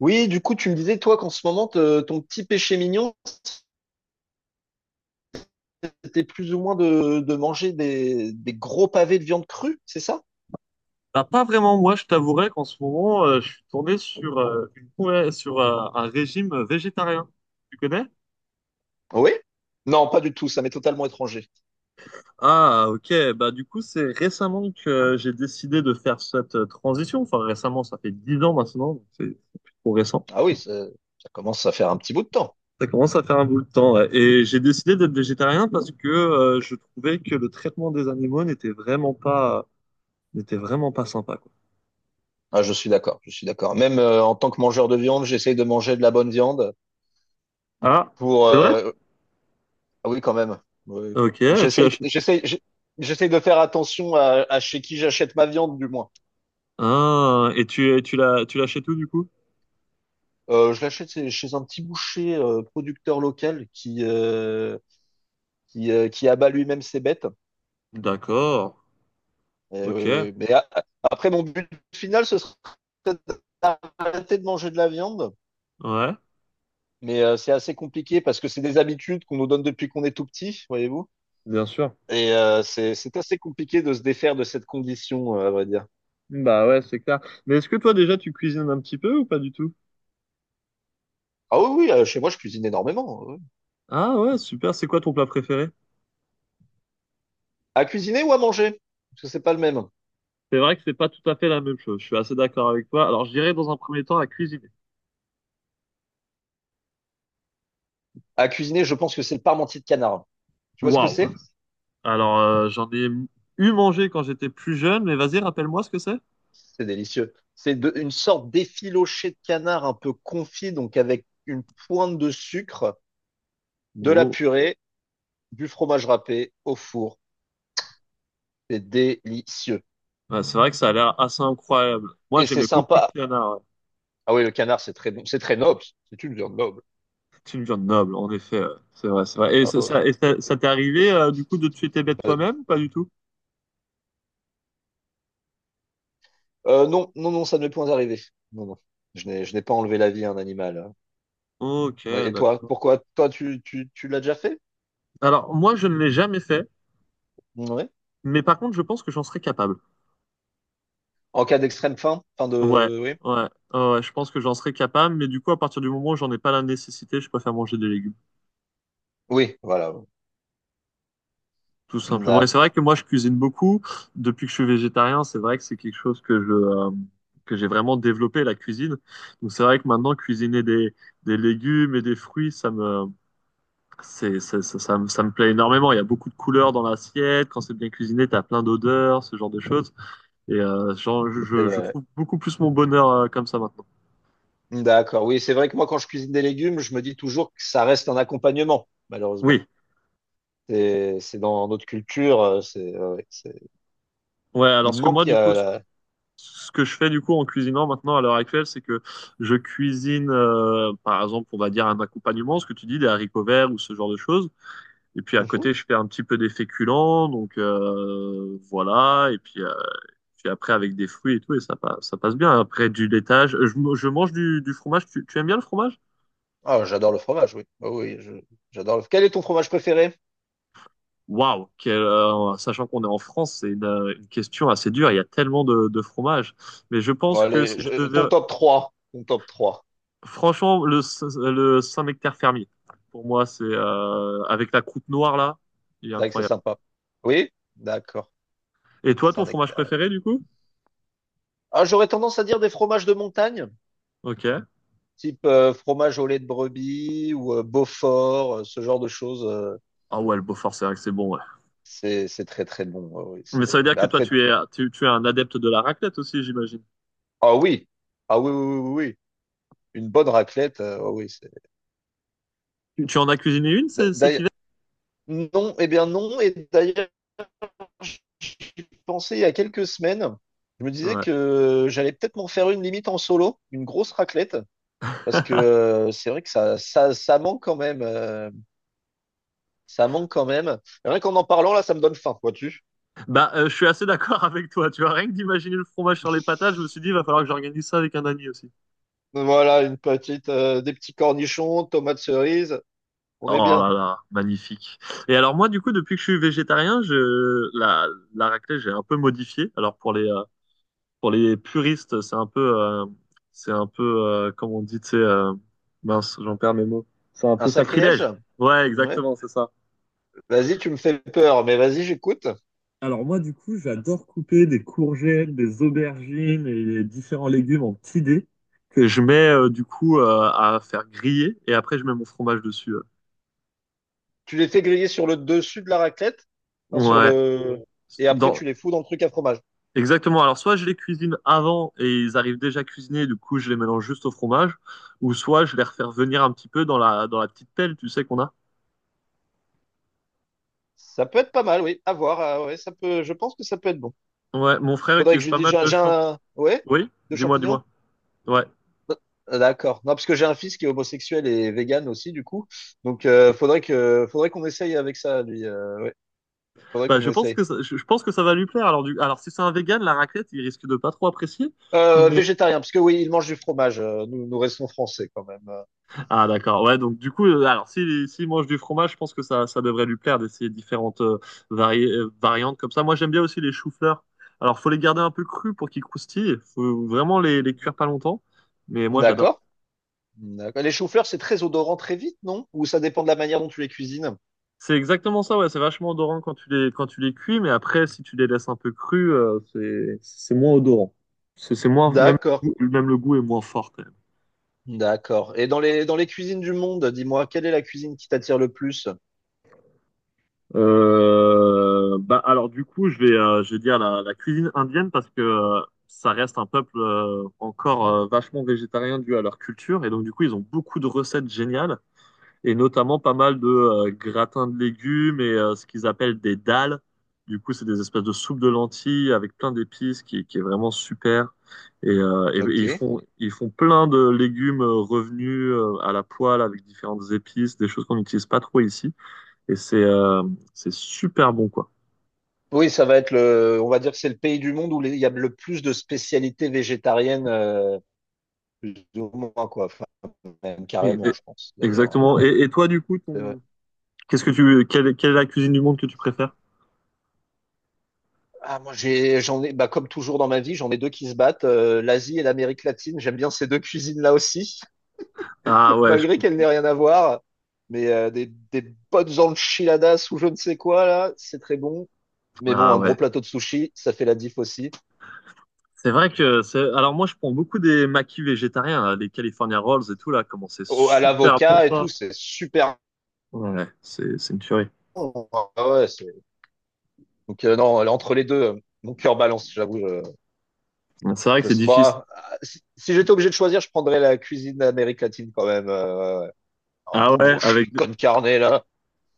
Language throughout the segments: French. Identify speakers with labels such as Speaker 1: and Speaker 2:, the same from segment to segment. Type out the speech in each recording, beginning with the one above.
Speaker 1: Oui, du coup, tu me disais, toi, qu'en ce moment, ton petit péché mignon, c'était plus ou moins de manger des gros pavés de viande crue, c'est ça?
Speaker 2: Bah, pas vraiment, moi je t'avouerais qu'en ce moment je suis tourné sur un régime végétarien. Tu connais?
Speaker 1: Oui? Non, pas du tout, ça m'est totalement étranger.
Speaker 2: Ah ok, bah du coup c'est récemment que j'ai décidé de faire cette transition. Enfin récemment, ça fait 10 ans maintenant, donc c'est plus trop récent.
Speaker 1: Ah oui, ça commence à faire un petit bout de temps.
Speaker 2: Ça commence à faire un bout de temps, ouais. Et j'ai décidé d'être végétarien parce que je trouvais que le traitement des animaux n'était vraiment pas sympa quoi.
Speaker 1: Ah, je suis d'accord, je suis d'accord. Même en tant que mangeur de viande, j'essaye de manger de la bonne viande
Speaker 2: Ah,
Speaker 1: pour...
Speaker 2: c'est vrai?
Speaker 1: ah oui, quand même. Oui.
Speaker 2: Ok, tu
Speaker 1: J'essaye,
Speaker 2: l'achètes.
Speaker 1: j'essaye, j'ai- j'essaye de faire attention à chez qui j'achète ma viande, du moins.
Speaker 2: Ah, et tu l'achètes où du coup?
Speaker 1: Je l'achète chez un petit boucher producteur local qui abat lui-même ses bêtes.
Speaker 2: D'accord.
Speaker 1: Et oui,
Speaker 2: Ok,
Speaker 1: oui. Après, mon but final, ce serait d'arrêter de manger de la viande.
Speaker 2: ouais.
Speaker 1: Mais c'est assez compliqué parce que c'est des habitudes qu'on nous donne depuis qu'on est tout petit, voyez-vous.
Speaker 2: Bien sûr.
Speaker 1: Et c'est assez compliqué de se défaire de cette condition, à vrai dire.
Speaker 2: Bah ouais, c'est clair. Mais est-ce que toi déjà tu cuisines un petit peu ou pas du tout?
Speaker 1: Ah oui, oui, chez moi, je cuisine énormément, hein, oui.
Speaker 2: Ah ouais, super. C'est quoi ton plat préféré?
Speaker 1: À cuisiner ou à manger? Parce que c'est pas le même.
Speaker 2: C'est vrai que c'est pas tout à fait la même chose. Je suis assez d'accord avec toi. Alors, je dirais dans un premier temps à cuisiner.
Speaker 1: À cuisiner, je pense que c'est le parmentier de canard. Tu vois ce que
Speaker 2: Waouh.
Speaker 1: c'est?
Speaker 2: Alors, j'en ai eu mangé quand j'étais plus jeune, mais vas-y, rappelle-moi ce que c'est.
Speaker 1: C'est délicieux. Une sorte d'effiloché de canard un peu confit, donc avec une pointe de sucre, de la
Speaker 2: Oh.
Speaker 1: purée, du fromage râpé au four. C'est délicieux.
Speaker 2: Ouais, c'est vrai que ça a l'air assez incroyable. Moi,
Speaker 1: Et c'est
Speaker 2: j'aimais beaucoup le
Speaker 1: sympa.
Speaker 2: canard, ouais.
Speaker 1: Ah oui, le canard, c'est très bon. C'est très noble. C'est une viande noble.
Speaker 2: C'est une viande noble, en effet, ouais. C'est vrai, c'est vrai. Et
Speaker 1: Ah ouais.
Speaker 2: ça t'est arrivé, du coup, de tuer tes bêtes
Speaker 1: Euh,
Speaker 2: toi-même? Pas du tout.
Speaker 1: non, non, non, ça ne m'est point arrivé. Non, non. Je n'ai pas enlevé la vie à un animal, hein.
Speaker 2: Ok,
Speaker 1: Ouais. Et toi,
Speaker 2: d'accord.
Speaker 1: pourquoi? Toi, tu l'as déjà fait?
Speaker 2: Alors, moi, je ne l'ai jamais fait,
Speaker 1: Oui.
Speaker 2: mais par contre, je pense que j'en serais capable.
Speaker 1: En cas d'extrême faim, fin
Speaker 2: Ouais,
Speaker 1: de, oui.
Speaker 2: ouais, ouais, je pense que j'en serais capable, mais du coup, à partir du moment où j'en ai pas la nécessité, je préfère manger des légumes,
Speaker 1: Oui, voilà.
Speaker 2: tout simplement. Et c'est vrai
Speaker 1: D'accord.
Speaker 2: que moi, je cuisine beaucoup. Depuis que je suis végétarien, c'est vrai que c'est quelque chose que que j'ai vraiment développé, la cuisine. Donc, c'est vrai que maintenant, cuisiner des légumes et des fruits, ça me, c'est- ça, ça me plaît énormément. Il y a beaucoup de couleurs dans l'assiette. Quand c'est bien cuisiné, t'as plein d'odeurs, ce genre de choses. Et
Speaker 1: C'est
Speaker 2: je
Speaker 1: vrai.
Speaker 2: trouve beaucoup plus mon bonheur comme ça maintenant.
Speaker 1: Ouais. D'accord. Oui, c'est vrai que moi, quand je cuisine des légumes, je me dis toujours que ça reste un accompagnement, malheureusement.
Speaker 2: Oui,
Speaker 1: C'est dans notre culture, c'est, ouais, c'est-
Speaker 2: ouais, alors
Speaker 1: Il
Speaker 2: ce que moi,
Speaker 1: manque.
Speaker 2: du coup, ce ce que je fais du coup en cuisinant maintenant à l'heure actuelle, c'est que je cuisine, par exemple, on va dire un accompagnement, ce que tu dis, des haricots verts ou ce genre de choses. Et puis à
Speaker 1: Mhm.
Speaker 2: côté, je fais un petit peu des féculents, donc voilà. Et puis après, avec des fruits et tout, et ça passe bien. Après, du laitage, je mange du fromage. Tu aimes bien le fromage?
Speaker 1: Ah, j'adore le fromage, oui. J'adore le... Quel est ton fromage préféré?
Speaker 2: Waouh, sachant qu'on est en France, c'est une question assez dure. Il y a tellement de fromages. Mais je
Speaker 1: Bon,
Speaker 2: pense que
Speaker 1: allez,
Speaker 2: si je
Speaker 1: ton
Speaker 2: devais,
Speaker 1: top trois. Ton top trois.
Speaker 2: franchement, le Saint-Nectaire fermier, pour moi, c'est avec la croûte noire là, il est
Speaker 1: C'est vrai que c'est
Speaker 2: incroyable.
Speaker 1: sympa. Oui? D'accord.
Speaker 2: Et toi, ton fromage
Speaker 1: Saint-Nectaire, ouais.
Speaker 2: préféré du coup?
Speaker 1: Ah, j'aurais tendance à dire des fromages de montagne,
Speaker 2: Ok.
Speaker 1: type fromage au lait de brebis ou Beaufort, ce genre de choses.
Speaker 2: Ah ouais, le Beaufort, c'est vrai que c'est bon, ouais.
Speaker 1: C'est très très bon. Ouais, oui,
Speaker 2: Mais ça veut
Speaker 1: c'est...
Speaker 2: dire
Speaker 1: Mais
Speaker 2: que toi,
Speaker 1: après,
Speaker 2: tu es un adepte de la raclette aussi, j'imagine.
Speaker 1: ah oui, ah oui, oui, oui, oui. Oui. Une bonne raclette, ah oui. C'est-
Speaker 2: Tu en as cuisiné une c- cet
Speaker 1: D'ailleurs,
Speaker 2: hiver?
Speaker 1: non, eh bien non. Et d'ailleurs, pensais il y a quelques semaines, je me disais
Speaker 2: Ouais.
Speaker 1: que j'allais peut-être m'en faire une, limite en solo, une grosse raclette, parce que c'est vrai que ça manque quand même. Ça manque quand même. Et rien qu'en en parlant, là, ça me donne faim, vois-tu?
Speaker 2: Bah, je suis assez d'accord avec toi. Tu vois, rien que d'imaginer le fromage sur les patates, je me suis dit, il va falloir que j'organise ça avec un ami aussi.
Speaker 1: Voilà, une petite, des petits cornichons, tomates cerises, on est
Speaker 2: Oh
Speaker 1: bien.
Speaker 2: là là, magnifique. Et alors moi, du coup, depuis que je suis végétarien, je la la raclette, j'ai un peu modifié. Alors pour les puristes, c'est un peu comment on dit, tu sais, mince, j'en perds mes mots. C'est un
Speaker 1: Un
Speaker 2: peu
Speaker 1: sacrilège?
Speaker 2: sacrilège. Ouais,
Speaker 1: Ouais.
Speaker 2: exactement, c'est ça.
Speaker 1: Vas-y, tu me fais peur, mais vas-y, j'écoute.
Speaker 2: Alors moi, du coup, j'adore couper des courgettes, des aubergines et les différents légumes en petits dés. Que je mets à faire griller et après je mets mon fromage dessus.
Speaker 1: Tu les fais griller sur le dessus de la raclette, enfin, sur
Speaker 2: Ouais.
Speaker 1: le... Et après,
Speaker 2: Dans
Speaker 1: tu les fous dans le truc à fromage.
Speaker 2: Exactement. Alors, soit je les cuisine avant et ils arrivent déjà cuisinés, du coup, je les mélange juste au fromage, ou soit je les refais revenir un petit peu dans dans la petite pelle, tu sais qu'on a.
Speaker 1: Ça peut être pas mal, oui. À voir. Ah ouais, ça peut... Je pense que ça peut être bon.
Speaker 2: Ouais, mon frère
Speaker 1: Faudrait que
Speaker 2: utilise
Speaker 1: je lui
Speaker 2: pas
Speaker 1: dise,
Speaker 2: mal de champ.
Speaker 1: ouais,
Speaker 2: Oui,
Speaker 1: de
Speaker 2: dis-moi,
Speaker 1: champignons?
Speaker 2: dis-moi. Ouais.
Speaker 1: Ah, d'accord. Non, parce que j'ai un fils qui est homosexuel et vegan aussi, du coup. Donc, faudrait qu'on essaye avec ça, lui. Ouais, faudrait
Speaker 2: Bah,
Speaker 1: qu'on
Speaker 2: je pense
Speaker 1: essaye.
Speaker 2: que ça, je pense que ça va lui plaire. Alors, alors si c'est un vegan, la raclette, il risque de pas trop apprécier. Mais
Speaker 1: Végétarien, parce que oui, il mange du fromage. Nous, nous restons français quand même.
Speaker 2: Ah d'accord, ouais donc du coup, alors s'il mange du fromage, je pense que ça devrait lui plaire d'essayer différentes, varié variantes comme ça. Moi j'aime bien aussi les choux-fleurs. Alors faut les garder un peu crus pour qu'ils croustillent, faut vraiment les cuire pas longtemps, mais moi j'adore.
Speaker 1: D'accord. D'accord. Les choux-fleurs, c'est très odorant très vite, non? Ou ça dépend de la manière dont tu les cuisines?
Speaker 2: C'est exactement ça, ouais, c'est vachement odorant quand tu les cuis, mais après si tu les laisses un peu crus, c'est moins odorant. C'est moins même
Speaker 1: D'accord.
Speaker 2: même le goût est moins fort quand même.
Speaker 1: D'accord. Et dans dans les cuisines du monde, dis-moi, quelle est la cuisine qui t'attire le plus?
Speaker 2: Bah alors du coup je vais dire la cuisine indienne parce que ça reste un peuple encore vachement végétarien dû à leur culture et donc du coup ils ont beaucoup de recettes géniales et notamment pas mal de gratins de légumes et ce qu'ils appellent des dalles. Du coup c'est des espèces de soupes de lentilles avec plein d'épices qui est vraiment super et
Speaker 1: Ok.
Speaker 2: ils font plein de légumes revenus à la poêle avec différentes épices des choses qu'on n'utilise pas trop ici. Et c'est super bon, quoi.
Speaker 1: Oui, ça va être le, on va dire que c'est le pays du monde où il y a le plus de spécialités végétariennes, plus ou moins, quoi. Enfin, même
Speaker 2: Et-
Speaker 1: carrément,
Speaker 2: et-
Speaker 1: je pense, d'ailleurs.
Speaker 2: exactement. Et toi, du coup,
Speaker 1: C'est vrai.
Speaker 2: ton... qu'est-ce que tu, quelle, quelle est la cuisine du monde que tu préfères?
Speaker 1: Ah, moi, j'en ai, bah, comme toujours dans ma vie, j'en ai deux qui se battent, l'Asie et l'Amérique latine. J'aime bien ces deux cuisines-là aussi,
Speaker 2: Ah ouais, je
Speaker 1: malgré qu'elles n'aient
Speaker 2: comprends.
Speaker 1: rien à voir. Mais des bonnes enchiladas ou je ne sais quoi, là, c'est très bon. Mais bon,
Speaker 2: Ah
Speaker 1: un gros
Speaker 2: ouais.
Speaker 1: plateau de sushi, ça fait la diff aussi.
Speaker 2: C'est vrai que c'est. Alors moi, je prends beaucoup des maquis végétariens, là, des California Rolls et tout là. Comment c'est
Speaker 1: Au- à
Speaker 2: super bon
Speaker 1: l'avocat et
Speaker 2: ça.
Speaker 1: tout, c'est super.
Speaker 2: Ouais, c'est une tuerie.
Speaker 1: Bon. Ah ouais, c'est... Donc non, là, entre les deux, mon cœur balance, j'avoue.
Speaker 2: C'est vrai que
Speaker 1: Je
Speaker 2: c'est
Speaker 1: sais. Bon,
Speaker 2: difficile.
Speaker 1: ah, si, si j'étais obligé de choisir, je prendrais la cuisine d'Amérique latine quand même. Euh, ouais, ouais. Ouais. Un
Speaker 2: Ah
Speaker 1: bon
Speaker 2: ouais,
Speaker 1: gros
Speaker 2: avec. des-
Speaker 1: con carnet là.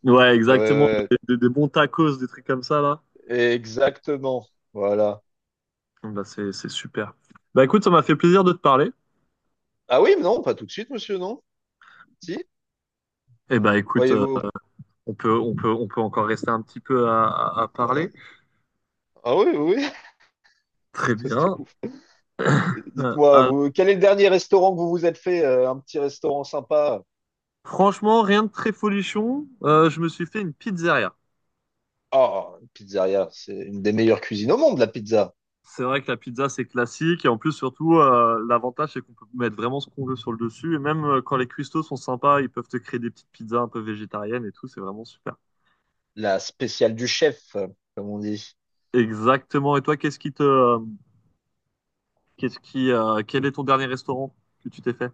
Speaker 2: Ouais,
Speaker 1: Ouais,
Speaker 2: exactement.
Speaker 1: ouais,
Speaker 2: Des bons tacos, des trucs comme ça là.
Speaker 1: ouais. Exactement. Voilà.
Speaker 2: Bah c'est super. Bah écoute, ça m'a fait plaisir de te parler.
Speaker 1: Ah oui, mais non, pas tout de suite, monsieur, non? Si,
Speaker 2: Et bah écoute,
Speaker 1: voyez-vous.
Speaker 2: on peut, on peut encore rester un petit peu à
Speaker 1: Euh,
Speaker 2: parler.
Speaker 1: Ah oui, oui. Oui.
Speaker 2: Très
Speaker 1: Parce que-
Speaker 2: bien.
Speaker 1: Dites-moi,
Speaker 2: Alors,
Speaker 1: vous, quel est le dernier restaurant que vous vous êtes fait? Un petit restaurant sympa?
Speaker 2: franchement, rien de très folichon. Je me suis fait une pizzeria.
Speaker 1: Ah, une pizzeria, c'est une des meilleures cuisines au monde, la pizza.
Speaker 2: C'est vrai que la pizza, c'est classique. Et en plus, surtout, l'avantage, c'est qu'on peut mettre vraiment ce qu'on veut sur le dessus. Et même quand les cuistots sont sympas, ils peuvent te créer des petites pizzas un peu végétariennes et tout. C'est vraiment super.
Speaker 1: La spéciale du chef, comme on dit.
Speaker 2: Exactement. Et toi, qu'est-ce qui te, qu'est-ce qui, quel est ton dernier restaurant que tu t'es fait?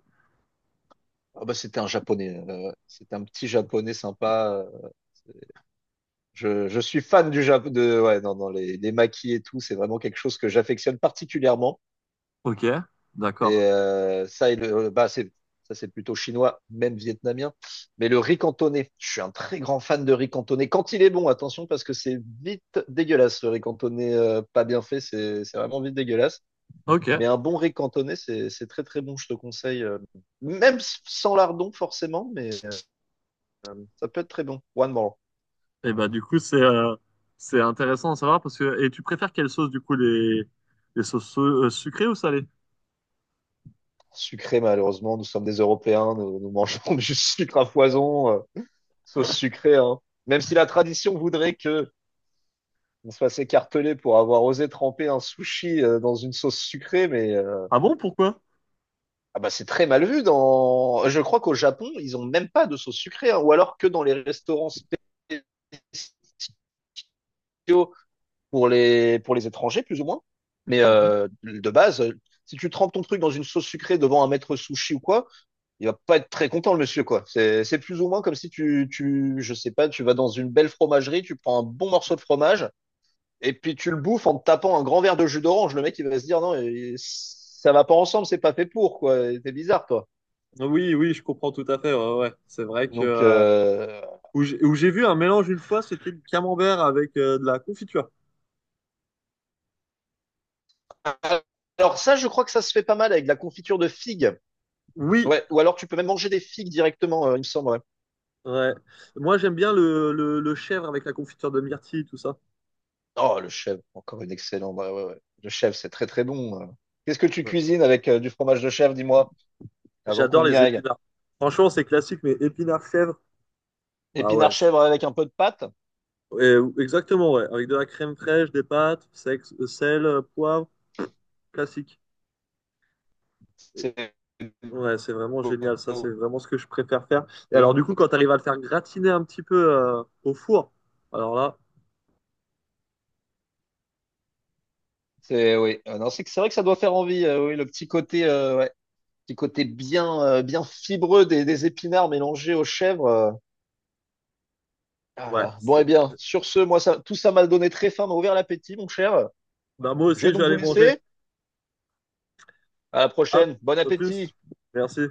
Speaker 1: Ah bah, c'était un japonais. C'était un petit japonais sympa. Euh, je suis fan du Japon. De, ouais, dans les maquis et tout, c'est vraiment quelque chose que j'affectionne particulièrement.
Speaker 2: Ok,
Speaker 1: Et
Speaker 2: d'accord.
Speaker 1: ça, et le, bah, c'est, ça, c'est plutôt chinois, même vietnamien. Mais le riz cantonais, je suis un très grand fan de riz cantonais. Quand il est bon, attention, parce que c'est vite dégueulasse. Le riz cantonais pas bien fait, c'est vraiment vite dégueulasse.
Speaker 2: Ok,
Speaker 1: Mais un bon riz cantonais, c'est très très bon, je te conseille. Même sans lardon, forcément, mais ça peut être très bon. One more.
Speaker 2: Et bah du coup c'est intéressant à savoir parce que et tu préfères quelle sauce du coup les sauces sucrées ou salées?
Speaker 1: Sucré, malheureusement. Nous sommes des Européens, nous, nous mangeons du sucre à foison, sauce sucrée, hein. Même si la tradition voudrait que on se fasse écarteler pour avoir osé tremper un sushi dans une sauce sucrée, mais
Speaker 2: Ah bon, pourquoi?
Speaker 1: ah bah c'est très mal vu. Dans, je crois qu'au Japon, ils ont même pas de sauce sucrée, hein, ou alors que dans les restaurants spéciaux pour les étrangers, plus ou moins. Mais
Speaker 2: Mhm.
Speaker 1: de base, si tu trempes ton truc dans une sauce sucrée devant un maître sushi ou quoi, il va pas être très content, le monsieur, quoi. C'est plus ou moins comme si tu, tu, je sais pas, tu vas dans une belle fromagerie, tu prends un bon morceau de fromage, et puis tu le bouffes en te tapant un grand verre de jus d'orange. Le mec, il va se dire, non, ça va pas ensemble, c'est pas fait pour, quoi. T'es bizarre, toi.
Speaker 2: Oui, oui, je comprends tout à fait. Ouais, ouais. C'est vrai que
Speaker 1: Donc,
Speaker 2: où j'ai vu un mélange une fois, c'était du camembert avec de la confiture.
Speaker 1: alors ça, je crois que ça se fait pas mal avec de la confiture de figues.
Speaker 2: Oui,
Speaker 1: Ouais, ou alors tu peux même manger des figues directement, il me semble, ouais.
Speaker 2: ouais. Moi, j'aime bien le chèvre avec la confiture de myrtille, tout ça.
Speaker 1: Oh, le chèvre, encore une excellente. Ouais, ouais, ouais. Le chèvre, c'est très, très bon. Euh. Qu'est-ce que tu
Speaker 2: Ouais.
Speaker 1: cuisines avec du fromage de chèvre, dis-moi, avant
Speaker 2: J'adore
Speaker 1: qu'on y
Speaker 2: les
Speaker 1: aille?
Speaker 2: épinards. Franchement, c'est classique, mais épinards chèvre. Ah
Speaker 1: Épinard
Speaker 2: ouais.
Speaker 1: chèvre avec un peu de pâte.
Speaker 2: Ouais, exactement, ouais. Avec de la crème fraîche, des pâtes, sel, poivre, classique.
Speaker 1: C'est
Speaker 2: Ouais, c'est vraiment génial, ça, c'est vraiment ce que je préfère faire. Et
Speaker 1: et
Speaker 2: alors, du
Speaker 1: beaucoup-
Speaker 2: coup, quand tu arrives à le faire gratiner un petit peu au four, alors là,
Speaker 1: c'est oui. Non, c'est que- C'est vrai que ça doit faire envie. Oui, le petit côté, ouais, petit côté bien, bien fibreux des épinards mélangés aux chèvres. Euh. Ah
Speaker 2: ouais,
Speaker 1: là. Bon,
Speaker 2: c'est...
Speaker 1: eh bien, sur ce, moi, ça, tout ça m'a donné très faim, m'a ouvert l'appétit, mon cher.
Speaker 2: Bah, moi
Speaker 1: Je
Speaker 2: aussi,
Speaker 1: vais
Speaker 2: je vais
Speaker 1: donc vous
Speaker 2: aller manger.
Speaker 1: laisser. À la
Speaker 2: Hop,
Speaker 1: prochaine. Bon
Speaker 2: à plus.
Speaker 1: appétit.
Speaker 2: Merci.